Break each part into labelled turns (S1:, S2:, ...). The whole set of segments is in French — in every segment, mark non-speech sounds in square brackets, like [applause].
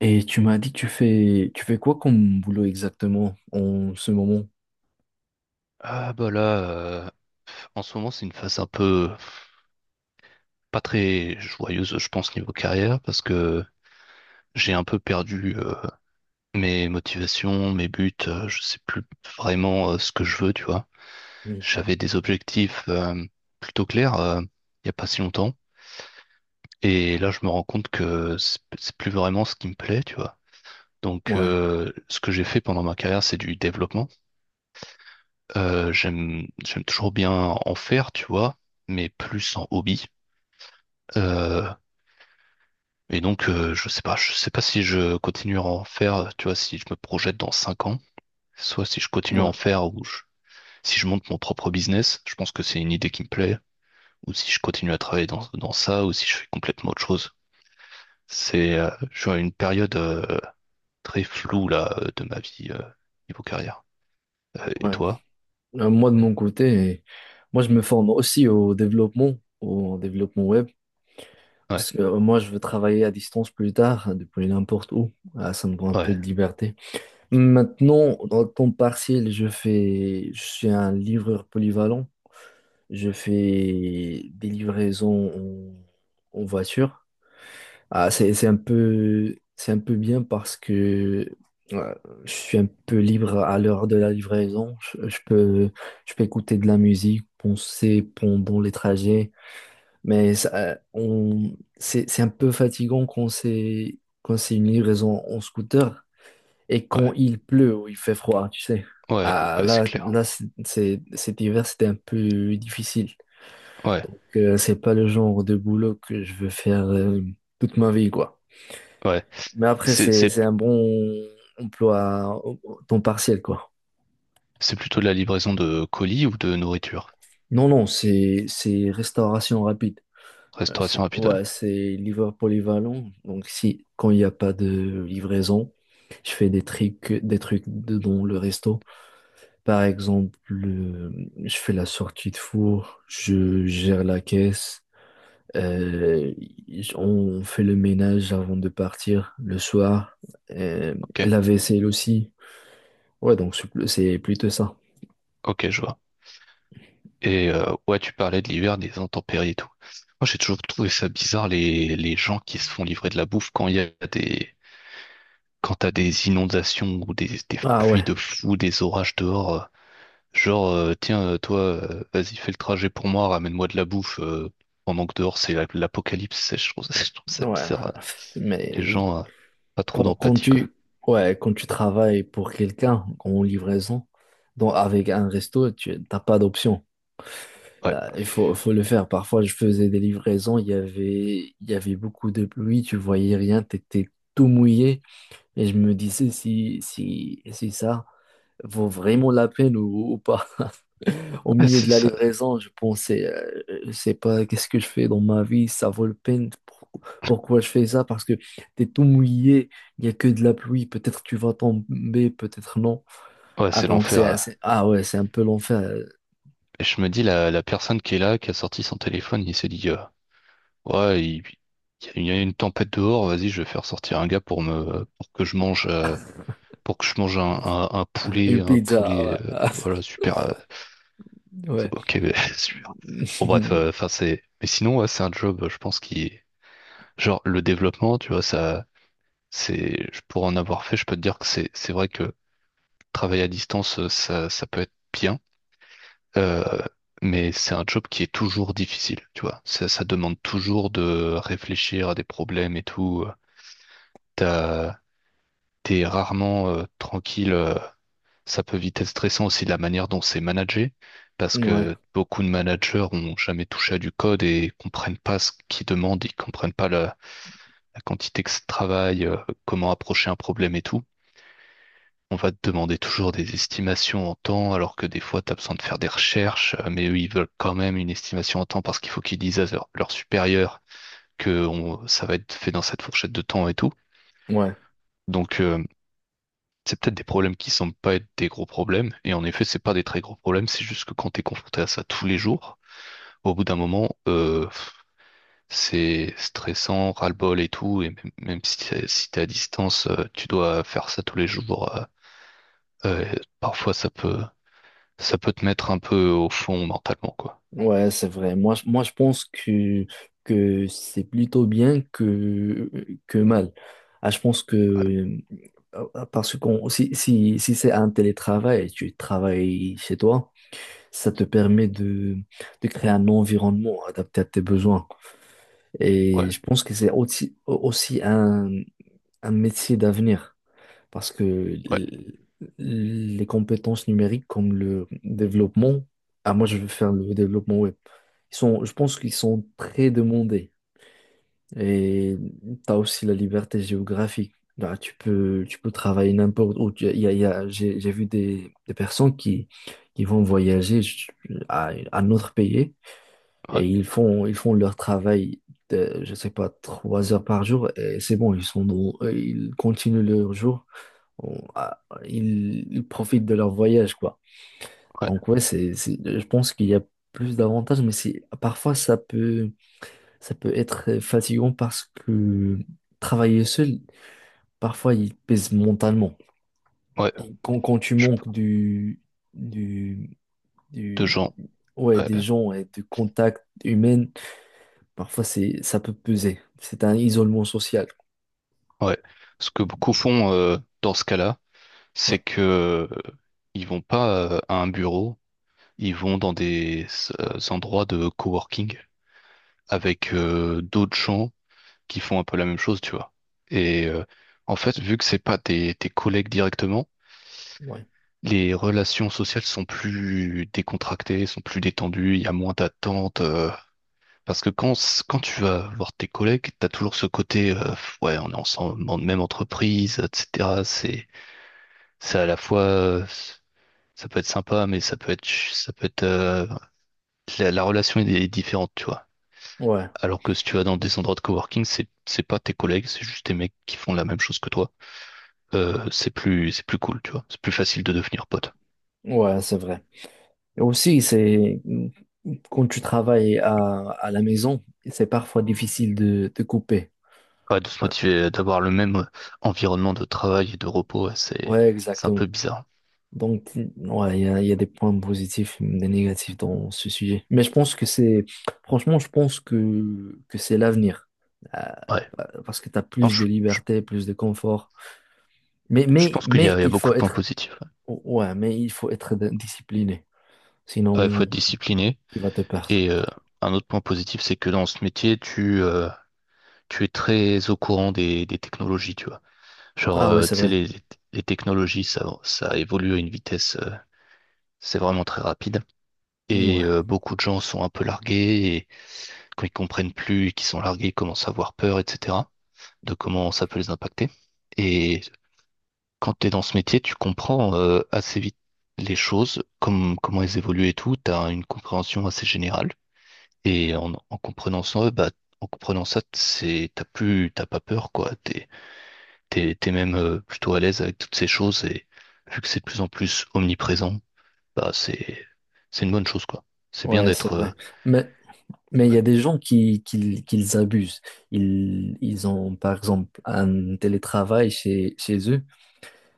S1: Et tu m'as dit que tu fais quoi comme boulot exactement en ce moment?
S2: Ah bah là, euh, en ce moment c'est une phase un peu pas très joyeuse, je pense, niveau carrière, parce que j'ai un peu perdu mes motivations, mes buts, je sais plus vraiment ce que je veux, tu vois.
S1: Mm.
S2: J'avais des objectifs plutôt clairs il y a pas si longtemps, et là je me rends compte que c'est plus vraiment ce qui me plaît, tu vois. Donc
S1: Ouais,
S2: ce que j'ai fait pendant ma carrière, c'est du développement. J'aime toujours bien en faire, tu vois, mais plus en hobby. Euh, Et donc, je sais pas si je continue à en faire, tu vois, si je me projette dans 5 ans, soit si je continue à en
S1: ouais,
S2: faire ou si je monte mon propre business, je pense que c'est une idée qui me plaît, ou si je continue à travailler dans, dans ça, ou si je fais complètement autre chose. Je suis à une période très floue là de ma vie niveau carrière. Et
S1: ouais.
S2: toi?
S1: Moi de mon côté, moi je me forme aussi au développement web,
S2: Ouais,
S1: parce que moi je veux travailler à distance plus tard, hein, depuis n'importe où. Ah, ça me prend un peu
S2: ouais,
S1: de liberté. Maintenant, dans le temps partiel, je suis un livreur polyvalent. Je fais des livraisons en voiture. Ah, c'est un peu bien parce que euh, je suis un peu libre à l'heure de la livraison. Je peux écouter de la musique, penser pendant les trajets. Mais c'est un peu fatigant quand c'est une livraison en scooter et quand
S2: ouais,
S1: il pleut ou il fait froid, tu sais.
S2: ouais, ouais, c'est clair.
S1: Cet hiver, c'était un peu difficile.
S2: Ouais,
S1: Donc, c'est pas le genre de boulot que je veux faire toute ma vie, quoi.
S2: ouais.
S1: Mais après,
S2: C'est, c'est,
S1: c'est un bon emploi à temps partiel, quoi.
S2: c'est plutôt de la livraison de colis ou de nourriture?
S1: Non, c'est restauration rapide.
S2: Restauration rapide. Ouais.
S1: Ouais, c'est livreur polyvalent. Donc, si, quand il n'y a pas de livraison, je fais des trucs de dans le resto. Par exemple, je fais la sortie de four, je gère la caisse, euh, on fait le ménage avant de partir le soir, euh,
S2: Ok,
S1: la vaisselle aussi. Ouais, donc c'est plutôt ça.
S2: ok, je vois. Et ouais, tu parlais de l'hiver, des intempéries et tout. Moi, j'ai toujours trouvé ça bizarre les gens qui se font livrer de la bouffe quand il y a des quand t'as des inondations ou des
S1: Ah
S2: pluies
S1: ouais,
S2: de fou, des orages dehors. Genre, tiens, toi, vas-y, fais le trajet pour moi, ramène-moi de la bouffe, pendant que dehors l'apocalypse, je trouve, [laughs] je trouve ça
S1: ouais.
S2: bizarre.
S1: [laughs]
S2: Les
S1: Mais
S2: gens, pas trop
S1: quand, quand
S2: d'empathie, quoi.
S1: tu, ouais, quand tu travailles pour quelqu'un en livraison, donc avec un resto, tu n'as pas d'option.
S2: Ouais,
S1: Il faut le faire. Parfois, je faisais des livraisons, il y avait beaucoup de pluie, tu voyais rien, tu étais tout mouillé. Et je me disais si ça vaut vraiment la peine ou pas. Au
S2: ouais,
S1: milieu de
S2: c'est
S1: la
S2: ça.
S1: livraison, je pensais, je sais pas, qu'est-ce que je fais dans ma vie, ça vaut le peine. Pourquoi je fais ça? Parce que t'es tout mouillé, il n'y a que de la pluie, peut-être tu vas tomber, peut-être non.
S2: Ouais, c'est l'enfer, là.
S1: Ah ouais, c'est un peu l'enfer.
S2: Et je me dis, la personne qui est là, qui a sorti son téléphone, il s'est dit, ouais, il y a une tempête dehors, vas-y, je vais faire sortir un gars pour pour que je mange, pour que je mange
S1: Une
S2: un
S1: pizza,
S2: poulet,
S1: ouais.
S2: voilà,
S1: [laughs]
S2: super.
S1: ouais.
S2: Ok, mais [laughs] super. Bon, bref,
S1: [laughs]
S2: enfin, c'est. Mais sinon, ouais, c'est un job, je pense, qui. Genre, le développement, tu vois, ça. Pour en avoir fait, je peux te dire que c'est vrai que travailler à distance, ça peut être bien. euh, mais c'est un job qui est toujours difficile, tu vois. Ça demande toujours de réfléchir à des problèmes et tout. T'as, T'es rarement tranquille. Ça peut vite être stressant aussi de la manière dont c'est managé, parce
S1: Ouais,
S2: que beaucoup de managers ont jamais touché à du code et comprennent pas ce qu'ils demandent, ils comprennent pas la quantité que ça travaille, comment approcher un problème et tout. On va te demander toujours des estimations en temps, alors que des fois, tu as besoin de faire des recherches, mais eux, ils veulent quand même une estimation en temps parce qu'il faut qu'ils disent à leur supérieur que ça va être fait dans cette fourchette de temps et tout.
S1: ouais.
S2: Donc, c'est peut-être des problèmes qui semblent pas être des gros problèmes, et en effet, c'est pas des très gros problèmes, c'est juste que quand t'es confronté à ça tous les jours, au bout d'un moment, c'est stressant, ras-le-bol et tout, et même, même si t'es, si t'es à distance, tu dois faire ça tous les jours, euh, parfois ça peut te mettre un peu au fond mentalement, quoi.
S1: Ouais, c'est vrai. Moi, je pense que c'est plutôt bien que mal. Ah, je pense que, parce qu'on si c'est un télétravail, tu travailles chez toi, ça te permet de créer un environnement adapté à tes besoins. Et
S2: Ouais,
S1: je pense que c'est aussi un métier d'avenir. Parce que
S2: ouais,
S1: les compétences numériques comme le développement, ah moi je veux faire le développement web, je pense qu'ils sont très demandés. Et tu as aussi la liberté géographique. Là, tu peux travailler n'importe où. Tu- il y a- j'ai vu des personnes qui vont voyager à un autre pays
S2: ouais,
S1: et ils font leur travail. De, je sais pas, 3 heures par jour, et c'est bon, ils sont dans- ils continuent leur jour on- ah, ils profitent de leur voyage, quoi.
S2: ouais,
S1: Donc ouais, je pense qu'il y a plus d'avantages, mais c'est, parfois ça peut être fatigant parce que travailler seul, parfois il pèse mentalement.
S2: ouais,
S1: Et quand tu
S2: je sais pas,
S1: manques du,
S2: de
S1: du,
S2: gens,
S1: ouais,
S2: ouais,
S1: des gens et de contact humain, parfois ça peut peser. C'est un isolement social.
S2: ouais. Ce que beaucoup font, dans ce cas-là,
S1: Ouais,
S2: c'est que, euh, ils vont pas à un bureau. Ils vont dans des endroits de coworking avec d'autres gens qui font un peu la même chose, tu vois. Et en fait, vu que c'est pas tes collègues directement,
S1: ouais,
S2: les relations sociales sont plus décontractées, sont plus détendues, il y a moins d'attentes. Parce que quand tu vas voir tes collègues, t'as toujours ce côté, ouais, on est ensemble, dans la même entreprise, etc. C'est à la fois, ça peut être sympa, mais ça peut être, la relation est différente, tu vois.
S1: ouais,
S2: Alors que si tu vas dans des endroits de coworking, c'est pas tes collègues, c'est juste des mecs qui font la même chose que toi. C'est plus cool, tu vois. C'est plus facile de devenir pote.
S1: ouais, c'est vrai. Et aussi, c'est quand tu travailles à la maison, c'est parfois difficile de couper.
S2: Ouais, de se motiver, d'avoir le même environnement de travail et de repos, ouais, c'est
S1: Ouais,
S2: c'est un
S1: exactement.
S2: peu bizarre.
S1: Donc, ouais, il y a des points positifs, des négatifs dans ce sujet. Mais je pense que c'est, franchement, je pense que c'est l'avenir.
S2: Ouais.
S1: Euh, Parce que tu as
S2: Non,
S1: plus de liberté, plus de confort.
S2: je pense qu'il y
S1: Mais
S2: a, il y a
S1: il
S2: beaucoup
S1: faut
S2: de points
S1: être,
S2: positifs.
S1: ouais, mais il faut être discipliné.
S2: Ouais, il faut être
S1: Sinon,
S2: discipliné.
S1: tu vas te perdre.
S2: Et un autre point positif, c'est que dans ce métier, tu es très au courant des technologies, tu vois. Genre,
S1: Ah ouais, c'est
S2: tu sais,
S1: vrai.
S2: les technologies, ça évolue à une vitesse, c'est vraiment très rapide. Et
S1: Ouais,
S2: beaucoup de gens sont un peu largués et quand ils comprennent plus et qu'ils sont largués, ils commencent à avoir peur, etc., de comment ça peut les impacter. Et quand tu es dans ce métier, tu comprends assez vite les choses, comme, comment elles évoluent et tout. Tu as une compréhension assez générale. Et en comprenant ça, t'as pas peur, quoi. T'es même plutôt à l'aise avec toutes ces choses et vu que c'est de plus en plus omniprésent, bah, c'est, c'est une bonne chose, quoi. C'est bien
S1: ouais, c'est
S2: d'être
S1: vrai. Mais, Mais il y a des gens qui les abusent. Ils ont, par exemple, un télétravail chez eux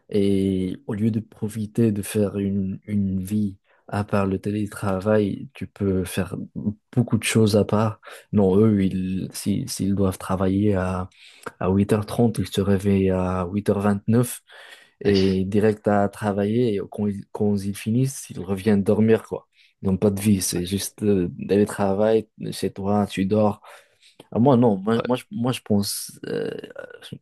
S1: et au lieu de profiter de faire une vie à part le télétravail, tu peux faire beaucoup de choses à part. Non, eux, ils, si- s'ils doivent travailler à 8h30, ils se réveillent à 8h29
S2: Eh,
S1: et direct à travailler. Et quand ils finissent, ils reviennent dormir, quoi. Ils n'ont pas de vie, c'est juste d'aller travailler chez toi, tu dors. Ah, moi, non, moi,
S2: Ouais,
S1: moi, je pense, euh,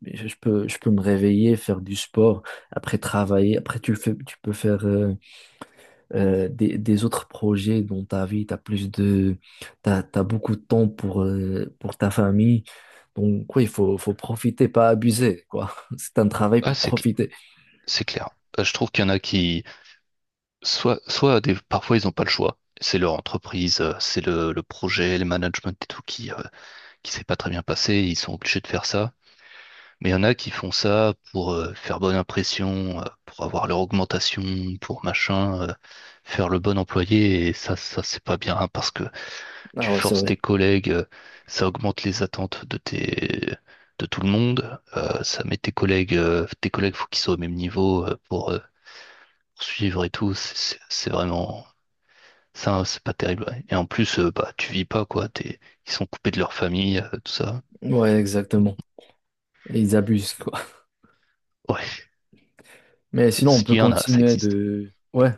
S1: je, je peux me réveiller, faire du sport, après travailler. Après, tu peux faire des autres projets dans ta vie. Tu as plus t'as beaucoup de temps pour ta famille. Donc, quoi, il faut profiter, pas abuser, quoi. [laughs] C'est un travail
S2: ouais,
S1: pour profiter.
S2: c'est clair. Je trouve qu'il y en a qui, parfois ils n'ont pas le choix. C'est leur entreprise, c'est le projet, le management et tout qui s'est pas très bien passé. Ils sont obligés de faire ça. Mais il y en a qui font ça pour faire bonne impression, pour avoir leur augmentation, pour machin, faire le bon employé. Et ça c'est pas bien hein, parce que tu
S1: Ah ouais, c'est
S2: forces
S1: vrai.
S2: tes collègues, ça augmente les attentes de tes, de tout le monde, ça met tes collègues faut qu'ils soient au même niveau pour poursuivre et tout, c'est vraiment, ça c'est pas terrible. Ouais. Et en plus, bah tu vis pas quoi, ils sont coupés de leur famille, tout ça.
S1: Ouais,
S2: Donc,
S1: exactement. Et ils abusent, quoi.
S2: ouais,
S1: Mais
S2: [laughs]
S1: sinon, on peut
S2: s'il y en a, ça
S1: continuer
S2: existe.
S1: de... Ouais.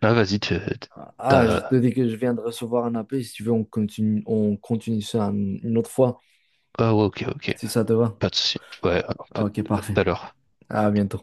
S2: Ah vas-y,
S1: Ah, je te
S2: t'as,
S1: dis que je viens de recevoir un appel. Si tu veux, on continue ça une autre fois,
S2: ah ouais, ok, ok,
S1: si ça te va.
S2: pas de souci. Ouais,
S1: Ah, ok,
S2: à
S1: parfait.
S2: tout à l'heure.
S1: À bientôt.